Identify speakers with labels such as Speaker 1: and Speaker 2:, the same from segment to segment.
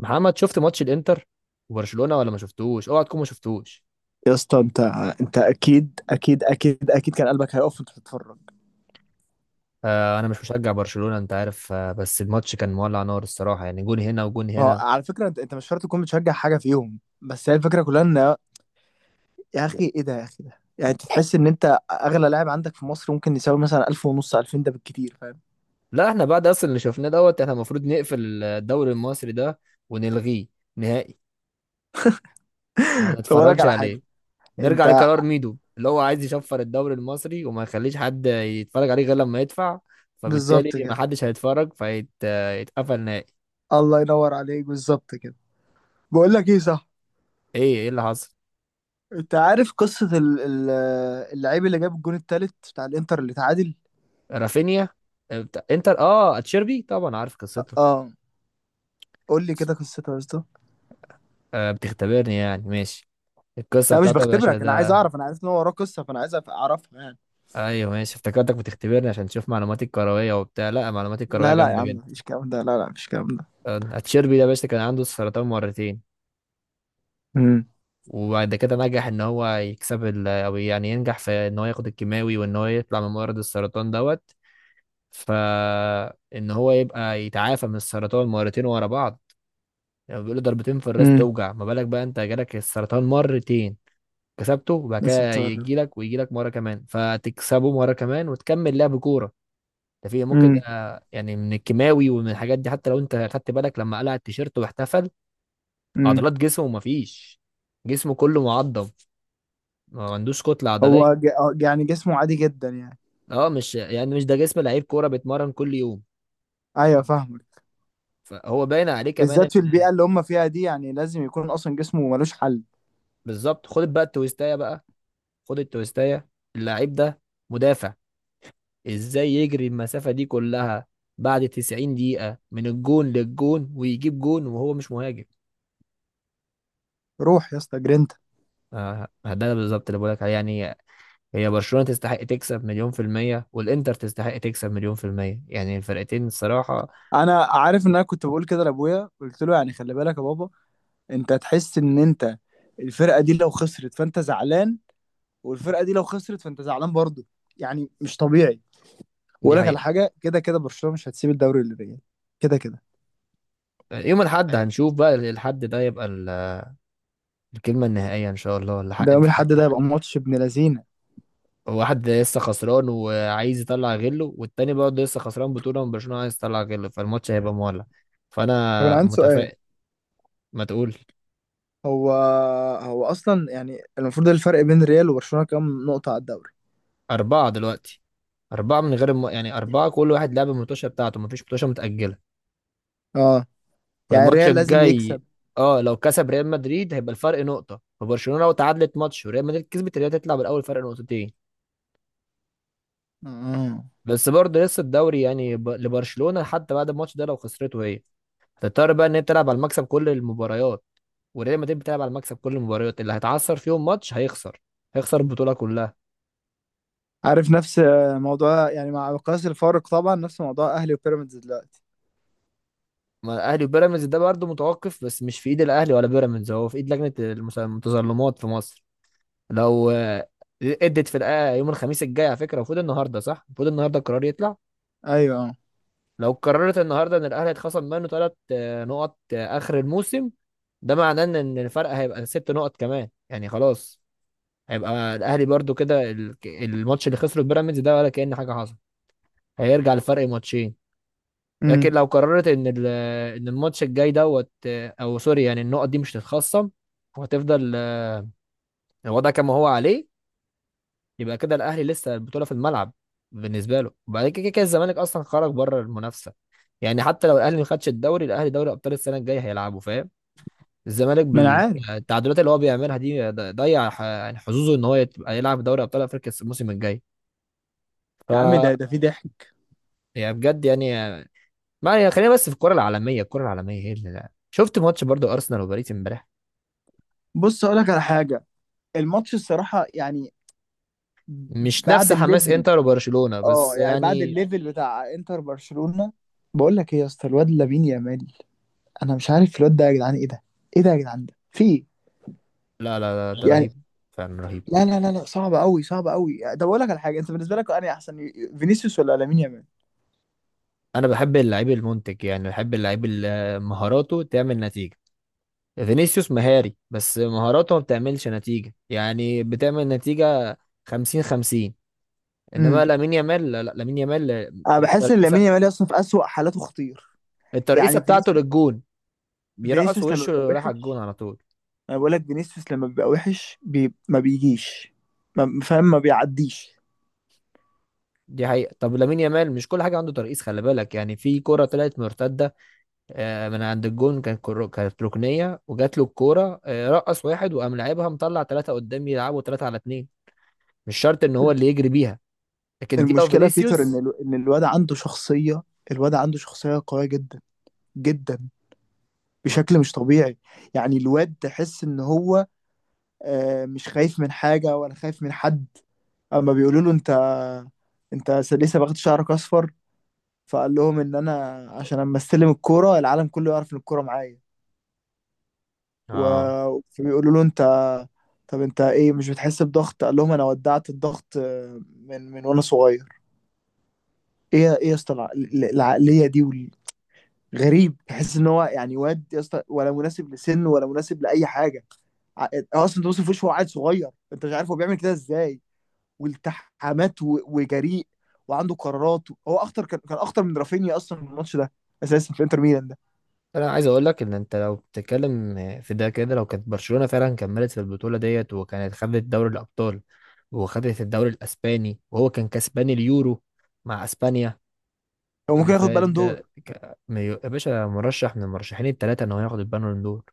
Speaker 1: محمد، شفت ماتش الانتر وبرشلونة ولا ما شفتوش؟ اوعى تكون ما شفتوش.
Speaker 2: يا اسطى انت اكيد اكيد اكيد اكيد كان قلبك هيقف وانت بتتفرج.
Speaker 1: آه، انا مش مشجع برشلونة، انت عارف، بس الماتش كان مولع نار الصراحة. يعني جون هنا وجون
Speaker 2: ما هو
Speaker 1: هنا.
Speaker 2: على فكره انت مش شرط تكون بتشجع حاجه فيهم، بس هي الفكره كلها ان، يا اخي ايه ده؟ يا اخي ده يعني انت تحس ان انت اغلى لاعب عندك في مصر ممكن يساوي مثلا 1000 ونص 2000، ده بالكتير، فاهم؟
Speaker 1: لا، احنا بعد اصلا اللي شفناه دوت احنا المفروض نقفل الدوري المصري ده ونلغيه نهائي، ما
Speaker 2: طب اقول لك
Speaker 1: نتفرجش
Speaker 2: على حاجه.
Speaker 1: عليه. نرجع
Speaker 2: انت
Speaker 1: لقرار ميدو اللي هو عايز يشفر الدوري المصري وما يخليش حد يتفرج عليه غير لما يدفع،
Speaker 2: بالظبط
Speaker 1: فبالتالي ما
Speaker 2: كده.
Speaker 1: حدش هيتفرج فيتقفل نهائي.
Speaker 2: الله ينور عليك، بالظبط كده. بقول لك ايه، صح؟
Speaker 1: ايه ايه اللي حصل؟
Speaker 2: انت عارف قصه اللعيب اللي جاب الجون التالت بتاع الانتر اللي تعادل؟
Speaker 1: رافينيا. آه، بتاع انتر، اتشيربي، طبعا عارف قصته.
Speaker 2: اه، قول لي كده قصته يا اسطى.
Speaker 1: آه، بتختبرني، يعني ماشي. القصة
Speaker 2: لا مش
Speaker 1: بتاعته يا باشا
Speaker 2: بختبرك، انا عايز
Speaker 1: ده.
Speaker 2: اعرف، انا عارف ان هو وراه قصه فانا عايز اعرفها يعني.
Speaker 1: ايوه، ماشي، افتكرتك بتختبرني عشان تشوف معلوماتي الكروية وبتاع. لا، معلوماتي الكروية
Speaker 2: لا لا يا
Speaker 1: جامدة
Speaker 2: عم،
Speaker 1: جدا.
Speaker 2: مفيش الكلام ده، لا لا مفيش الكلام ده.
Speaker 1: آه، اتشيربي ده يا باشا كان عنده سرطان مرتين.
Speaker 2: امم.
Speaker 1: وبعد كده نجح ان هو يكسب او يعني ينجح في ان هو ياخد الكيماوي وان هو يطلع من مرض السرطان دوت، فان هو يبقى يتعافى من السرطان مرتين ورا بعض. يعني بيقولوا ضربتين في الراس
Speaker 2: امم.
Speaker 1: توجع، ما بالك بقى انت جالك السرطان مرتين، كسبته، وبعد
Speaker 2: لسه
Speaker 1: كده
Speaker 2: طاير؟
Speaker 1: يجي لك ويجي لك مره كمان فتكسبه مره كمان وتكمل لعب كوره. ده في ممكن ده؟
Speaker 2: امم.
Speaker 1: يعني من الكيماوي ومن الحاجات دي، حتى لو انت خدت بالك لما قلع التيشيرت واحتفل،
Speaker 2: امم.
Speaker 1: عضلات جسمه مفيش. جسمه كله معضم، ما عندوش كتله
Speaker 2: هو
Speaker 1: عضليه.
Speaker 2: ج... آه، يعني جسمه عادي جدا يعني.
Speaker 1: اه، مش يعني مش ده جسم لعيب كوره بيتمرن كل يوم،
Speaker 2: ايوه، فاهمك.
Speaker 1: فهو باين عليه كمان.
Speaker 2: بالذات في البيئه اللي هم فيها دي، يعني لازم يكون اصلا جسمه ملوش حل.
Speaker 1: بالظبط. خد بقى التويستايه بقى، خد التويستايه. اللعيب ده مدافع، ازاي يجري المسافة دي كلها بعد 90 دقيقة من الجون للجون ويجيب جون وهو مش مهاجم؟
Speaker 2: روح يا اسطى جرينتا.
Speaker 1: آه، آه، ده بالظبط اللي بقولك عليه يعني. هي برشلونة تستحق تكسب مليون في المية والإنتر تستحق تكسب مليون في المية، يعني الفرقتين الصراحة.
Speaker 2: انا عارف، ان انا كنت بقول كده لابويا، قلت له يعني خلي بالك يا بابا، انت تحس ان انت الفرقه دي لو خسرت فانت زعلان، والفرقه دي لو خسرت فانت زعلان برضه، يعني مش طبيعي.
Speaker 1: دي
Speaker 2: واقول لك على
Speaker 1: حقيقة.
Speaker 2: حاجه، كده كده برشلونه مش هتسيب الدوري للريال، كده كده.
Speaker 1: يوم الأحد هنشوف بقى الحد ده يبقى الكلمة النهائية إن شاء الله، الحق
Speaker 2: ده يوم الاحد
Speaker 1: الحق.
Speaker 2: ده هيبقى ماتش ابن لذينه.
Speaker 1: واحد لسه خسران وعايز يطلع غله والتاني برضه لسه خسران بطولة من برشلونة عايز يطلع غله، فالماتش هيبقى مولع،
Speaker 2: طب انا
Speaker 1: فأنا
Speaker 2: عندي سؤال،
Speaker 1: متفائل. ما تقول.
Speaker 2: هو هو اصلا يعني المفروض الفرق بين الريال وبرشلونه كام نقطه على الدوري؟
Speaker 1: أربعة دلوقتي. أربعة من غير يعني أربعة، كل واحد لعب الماتشة بتاعته، مفيش ماتشة متأجلة.
Speaker 2: اه. يعني
Speaker 1: فالماتش
Speaker 2: الريال لازم
Speaker 1: الجاي،
Speaker 2: يكسب.
Speaker 1: اه، لو كسب ريال مدريد هيبقى الفرق نقطة، فبرشلونة لو تعادلت ماتش وريال مدريد كسبت، الريال هتطلع بالأول فرق نقطتين.
Speaker 2: اه،
Speaker 1: بس برضه لسه الدوري يعني لبرشلونة حتى بعد الماتش ده لو خسرته هي، هتضطر بقى إن هي تلعب على المكسب كل المباريات، وريال مدريد بتلعب على المكسب كل المباريات. اللي هيتعثر فيهم ماتش هيخسر، هيخسر البطولة كلها.
Speaker 2: عارف نفس آه، موضوع، يعني مع مقياس الفارق طبعا، نفس موضوع اهلي وبيراميدز دلوقتي.
Speaker 1: ما الاهلي وبيراميدز ده برضه متوقف، بس مش في ايد الاهلي ولا بيراميدز، هو في ايد لجنه المتظلمات في مصر. لو ادت في يوم الخميس الجاي، على فكره المفروض النهارده، صح، المفروض النهارده القرار يطلع.
Speaker 2: ايوه. اه.
Speaker 1: لو قررت النهارده ان الاهلي اتخصم منه 3 نقط اخر الموسم، ده معناه إن الفرق هيبقى 6 نقط كمان، يعني خلاص، هيبقى الاهلي برضه كده الماتش اللي خسره بيراميدز ده ولا كأن حاجه حصلت، هيرجع لفرق ماتشين.
Speaker 2: امم.
Speaker 1: لكن لو قررت ان ان الماتش الجاي دوت او سوري، يعني النقط دي مش تتخصم، وهتفضل الوضع كما هو عليه. يبقى كده الاهلي لسه البطوله في الملعب بالنسبه له. وبعد كده، كده الزمالك اصلا خرج بره المنافسه، يعني حتى لو الاهلي ما خدش الدوري الاهلي دوري ابطال السنه الجايه هيلعبه، فاهم؟ الزمالك
Speaker 2: ما انا عارف.
Speaker 1: بالتعادلات اللي هو بيعملها دي ضيع يعني حظوظه ان هو يبقى يلعب دوري ابطال افريقيا الموسم الجاي. ف،
Speaker 2: يا عم ده في ضحك.
Speaker 1: يعني بجد يعني. ما يعني خلينا بس في الكره العالميه، الكره العالميه هي اللي، شفت ماتش برضو ارسنال وباريس امبارح؟
Speaker 2: بص اقول لك على حاجه، الماتش الصراحه يعني،
Speaker 1: مش نفس
Speaker 2: بعد
Speaker 1: حماس
Speaker 2: الليفل،
Speaker 1: انتر وبرشلونة بس
Speaker 2: اه يعني بعد
Speaker 1: يعني.
Speaker 2: الليفل بتاع انتر برشلونة. بقول لك ايه يا اسطى، الواد لامين يامال، انا مش عارف الواد ده، يا جدعان ايه ده؟ ايه ده يا جدعان، ده في ايه؟
Speaker 1: لا لا لا، ده
Speaker 2: يعني،
Speaker 1: رهيب، فعلا رهيب.
Speaker 2: لا لا لا لا صعب قوي، صعب قوي. ده بقول لك على حاجه، انت بالنسبه لك انا احسن، فينيسيوس ولا لامين يامال؟
Speaker 1: انا بحب اللعيب المنتج، يعني بحب اللعيب اللي مهاراته تعمل نتيجة. فينيسيوس مهاري، بس مهاراته ما بتعملش نتيجة، يعني بتعمل نتيجة 50-50. انما
Speaker 2: امم.
Speaker 1: لامين يامال، لا لا، لامين يامال
Speaker 2: انا بحس ان لامين
Speaker 1: الترقيصة،
Speaker 2: يامال اصلا في اسوأ حالاته خطير،
Speaker 1: الترقيصة
Speaker 2: يعني
Speaker 1: بتاعته
Speaker 2: فينيسيوس،
Speaker 1: للجون، بيرقص
Speaker 2: فينيسيوس لما
Speaker 1: وشه
Speaker 2: بيبقى
Speaker 1: راح على الجون
Speaker 2: وحش،
Speaker 1: على طول.
Speaker 2: انا بقول لك فينيسيوس لما بيبقى وحش بي... ما بيجيش، ما... فاهم؟ ما بيعديش.
Speaker 1: دي حقيقة. طب لامين يامال مش كل حاجة عنده ترقيص، خلي بالك، يعني في كرة طلعت مرتدة من عند الجون، كانت كانت ركنيه، وجات له الكوره، رقص واحد وقام لعبها مطلع ثلاثه قدام، يلعبوا ثلاثه على اثنين. مش شرط ان هو اللي يجري بيها، لكن دي لو
Speaker 2: المشكله بيتر
Speaker 1: فينيسيوس.
Speaker 2: ان الواد عنده شخصيه، الواد عنده شخصيه قويه جدا، جدا،
Speaker 1: ما.
Speaker 2: بشكل مش طبيعي. يعني الواد تحس ان هو آه، مش خايف من حاجة ولا خايف من حد. اما بيقولوا له انت، انت لسه باخد شعرك اصفر، فقال لهم ان انا عشان اما استلم الكورة العالم كله يعرف ان الكورة معايا.
Speaker 1: اه،
Speaker 2: فبيقولوا له انت، طب انت ايه مش بتحس بضغط؟ قال لهم انا ودعت الضغط آه، من وانا صغير. ايه ايه يا اسطى العقلية دي غريب، تحس ان هو يعني واد يا اسطى، ولا مناسب لسنه ولا مناسب لاي حاجة. ع- آه، اصلا توم وش، هو عيل صغير، انت مش عارف هو بيعمل كده ازاي. والتحامات وجريء، وعنده قرارات. هو اخطر، كان اخطر من رافينيا اصلا في الماتش ده، اساسا في انتر ميلان ده.
Speaker 1: انا عايز اقول لك ان انت لو بتتكلم في ده كده، لو كانت برشلونه فعلا كملت في البطوله ديت وكانت خدت دوري الابطال وخدت الدوري الاسباني وهو كان كسبان اليورو مع اسبانيا
Speaker 2: هو ممكن
Speaker 1: اللي
Speaker 2: ياخد
Speaker 1: فات
Speaker 2: بالون
Speaker 1: ده
Speaker 2: دور.
Speaker 1: يا باشا، مرشح من المرشحين الثلاثه ان هو ياخد البالون دور.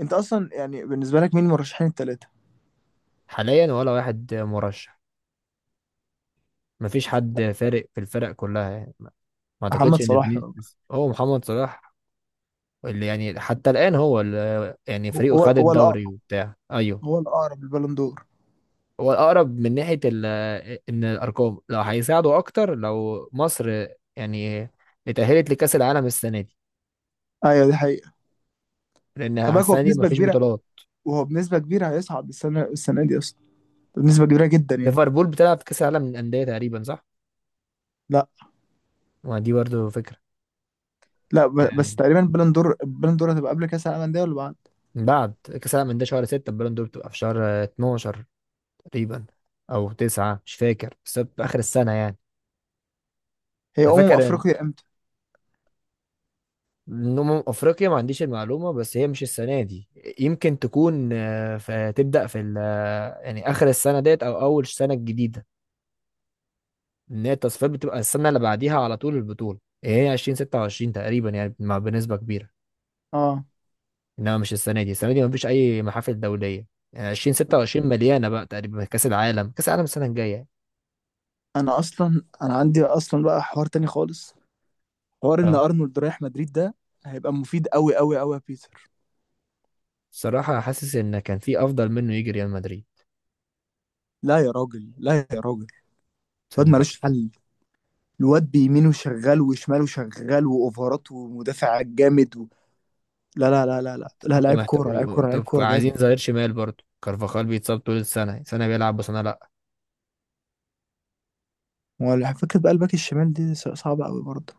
Speaker 2: انت اصلا يعني بالنسبه لك مين المرشحين الثلاثه؟
Speaker 1: حاليا ولا واحد مرشح. مفيش حد فارق في الفرق كلها، يعني ما اعتقدش
Speaker 2: محمد
Speaker 1: ان
Speaker 2: صلاح.
Speaker 1: فينيسيوس هو محمد صلاح اللي يعني حتى الان هو اللي يعني فريقه
Speaker 2: هو
Speaker 1: خد
Speaker 2: هو
Speaker 1: الدوري
Speaker 2: الأقرب،
Speaker 1: وبتاع. ايوه،
Speaker 2: هو الاقرب للبالون دور.
Speaker 1: هو الاقرب من ناحيه ان الارقام لو هيساعده اكتر، لو مصر يعني اتاهلت لكاس العالم السنه دي،
Speaker 2: ايوه، دي حقيقه.
Speaker 1: لان
Speaker 2: خلي بالك، هو
Speaker 1: السنه دي
Speaker 2: بنسبه
Speaker 1: مفيش
Speaker 2: كبيره،
Speaker 1: بطولات.
Speaker 2: وهو بنسبه كبيره هيصعد السنه دي اصلا بنسبه كبيره جدا يعني.
Speaker 1: ليفربول بتلعب في كاس العالم للانديه تقريبا، صح؟
Speaker 2: لا
Speaker 1: ما دي برضه فكره.
Speaker 2: لا، بس
Speaker 1: يعني
Speaker 2: تقريبا بالون دور، البالون دور هتبقى قبل كاس العالم للانديه ولا بعد؟
Speaker 1: بعد كاس العالم للانديه شهر 6 البالون دور بتبقى في شهر 12 تقريبا، او تسعة، مش فاكر، بس في اخر السنة يعني.
Speaker 2: هي
Speaker 1: انا فاكر ان
Speaker 2: افريقيا امتى؟
Speaker 1: إن أمم افريقيا ما عنديش المعلومة، بس هي مش السنة دي، يمكن تكون تبدأ في يعني اخر السنة ديت او اول سنة الجديدة. ان هي التصفيات بتبقى السنة اللي بعديها على طول البطولة، يعني هي 2026 تقريبا يعني، بنسبة كبيرة.
Speaker 2: اه،
Speaker 1: انما مش السنة دي، السنة دي مفيش اي محافل دولية، يعني 2026 مليانة بقى تقريبا، كأس العالم، كأس العالم السنة الجاية يعني.
Speaker 2: انا عندي اصلا بقى حوار تاني خالص، حوار ان
Speaker 1: اه،
Speaker 2: ارنولد رايح مدريد ده هيبقى مفيد قوي قوي قوي يا بيتر.
Speaker 1: بصراحة حاسس ان كان في افضل منه يجي ريال مدريد،
Speaker 2: لا يا راجل، لا يا راجل، الواد
Speaker 1: تصدق.
Speaker 2: ملوش حل، الواد بيمينه شغال وشماله شغال واوفرات ومدافع جامد و... لا لا لا لا لا لا،
Speaker 1: انت
Speaker 2: لعيب
Speaker 1: محتاج
Speaker 2: كوره، لعيب كوره، لعيب
Speaker 1: طب
Speaker 2: كوره
Speaker 1: عايزين
Speaker 2: جامد.
Speaker 1: ظهير شمال برضه، كارفاخال بيتصاب طول السنة، سنة بيلعب وسنة لا.
Speaker 2: فكره بقى الباك الشمال دي صعبه قوي برضه.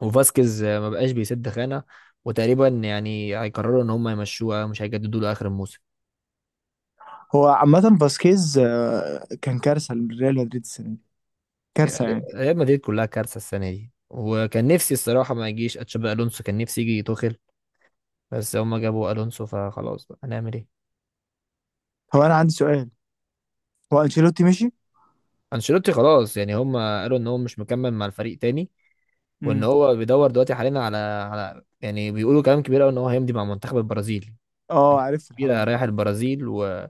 Speaker 1: وفاسكيز ما بقاش بيسد خانة، وتقريبا يعني هيقرروا ان هم يمشوه، مش هيجددوا له اخر الموسم.
Speaker 2: هو عامه فاسكيز آه، كان كارثه لريال مدريد السنه دي، كارثه
Speaker 1: يعني
Speaker 2: يعني.
Speaker 1: ريال مدريد كلها كارثة السنة دي، وكان نفسي الصراحة ما يجيش اتشابي الونسو، كان نفسي يجي توخيل، بس هم جابوا الونسو، فخلاص بقى هنعمل ايه.
Speaker 2: هو انا عندي سؤال، هو انشيلوتي مشي؟
Speaker 1: انشيلوتي خلاص، يعني هم قالوا ان هو مش مكمل مع الفريق تاني، وان
Speaker 2: امم.
Speaker 1: هو بيدور دلوقتي حاليا على يعني بيقولوا كلام كبير قوي ان هو هيمضي مع منتخب البرازيل،
Speaker 2: اه، عرفت الحوار
Speaker 1: كبيرة
Speaker 2: ده.
Speaker 1: رايح البرازيل. و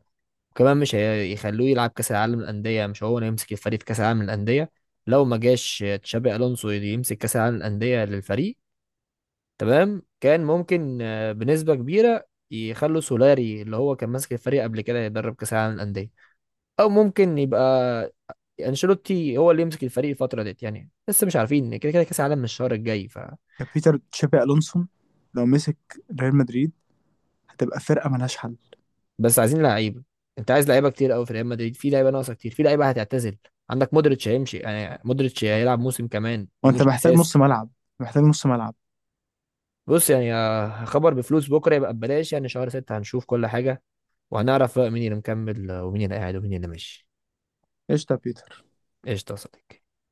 Speaker 1: وكمان مش هيخلوه يلعب كاس العالم للانديه، مش هو اللي يمسك الفريق في كاس العالم للانديه، لو ما جاش تشابي الونسو يمسك كاس العالم للانديه للفريق، تمام. كان ممكن بنسبه كبيره يخلوا سولاري اللي هو كان ماسك الفريق قبل كده يدرب كاس العالم للانديه، او ممكن يبقى انشيلوتي هو اللي يمسك الفريق الفتره ديت. يعني لسه مش عارفين، كده كده كاس العالم من الشهر الجاي. ف،
Speaker 2: بيتر، تشابي الونسو لو مسك ريال مدريد هتبقى فرقه ملهاش حل.
Speaker 1: بس عايزين لعيبه. انت عايز لعيبه كتير قوي، في ريال مدريد في لعيبه ناقصه كتير، في لعيبه هتعتزل. عندك مودريتش هيمشي، يعني مودريتش هيلعب موسم كمان
Speaker 2: وانت
Speaker 1: ومش
Speaker 2: محتاج نص
Speaker 1: اساسي.
Speaker 2: ملعب، محتاج نص ملعب.
Speaker 1: بص يعني خبر بفلوس بكره يبقى ببلاش، يعني شهر 6 هنشوف كل حاجه، وهنعرف بقى مين اللي مكمل ومين اللي قاعد ومين اللي ماشي.
Speaker 2: قشطه يا بيتر.
Speaker 1: قشطه يا صديقي.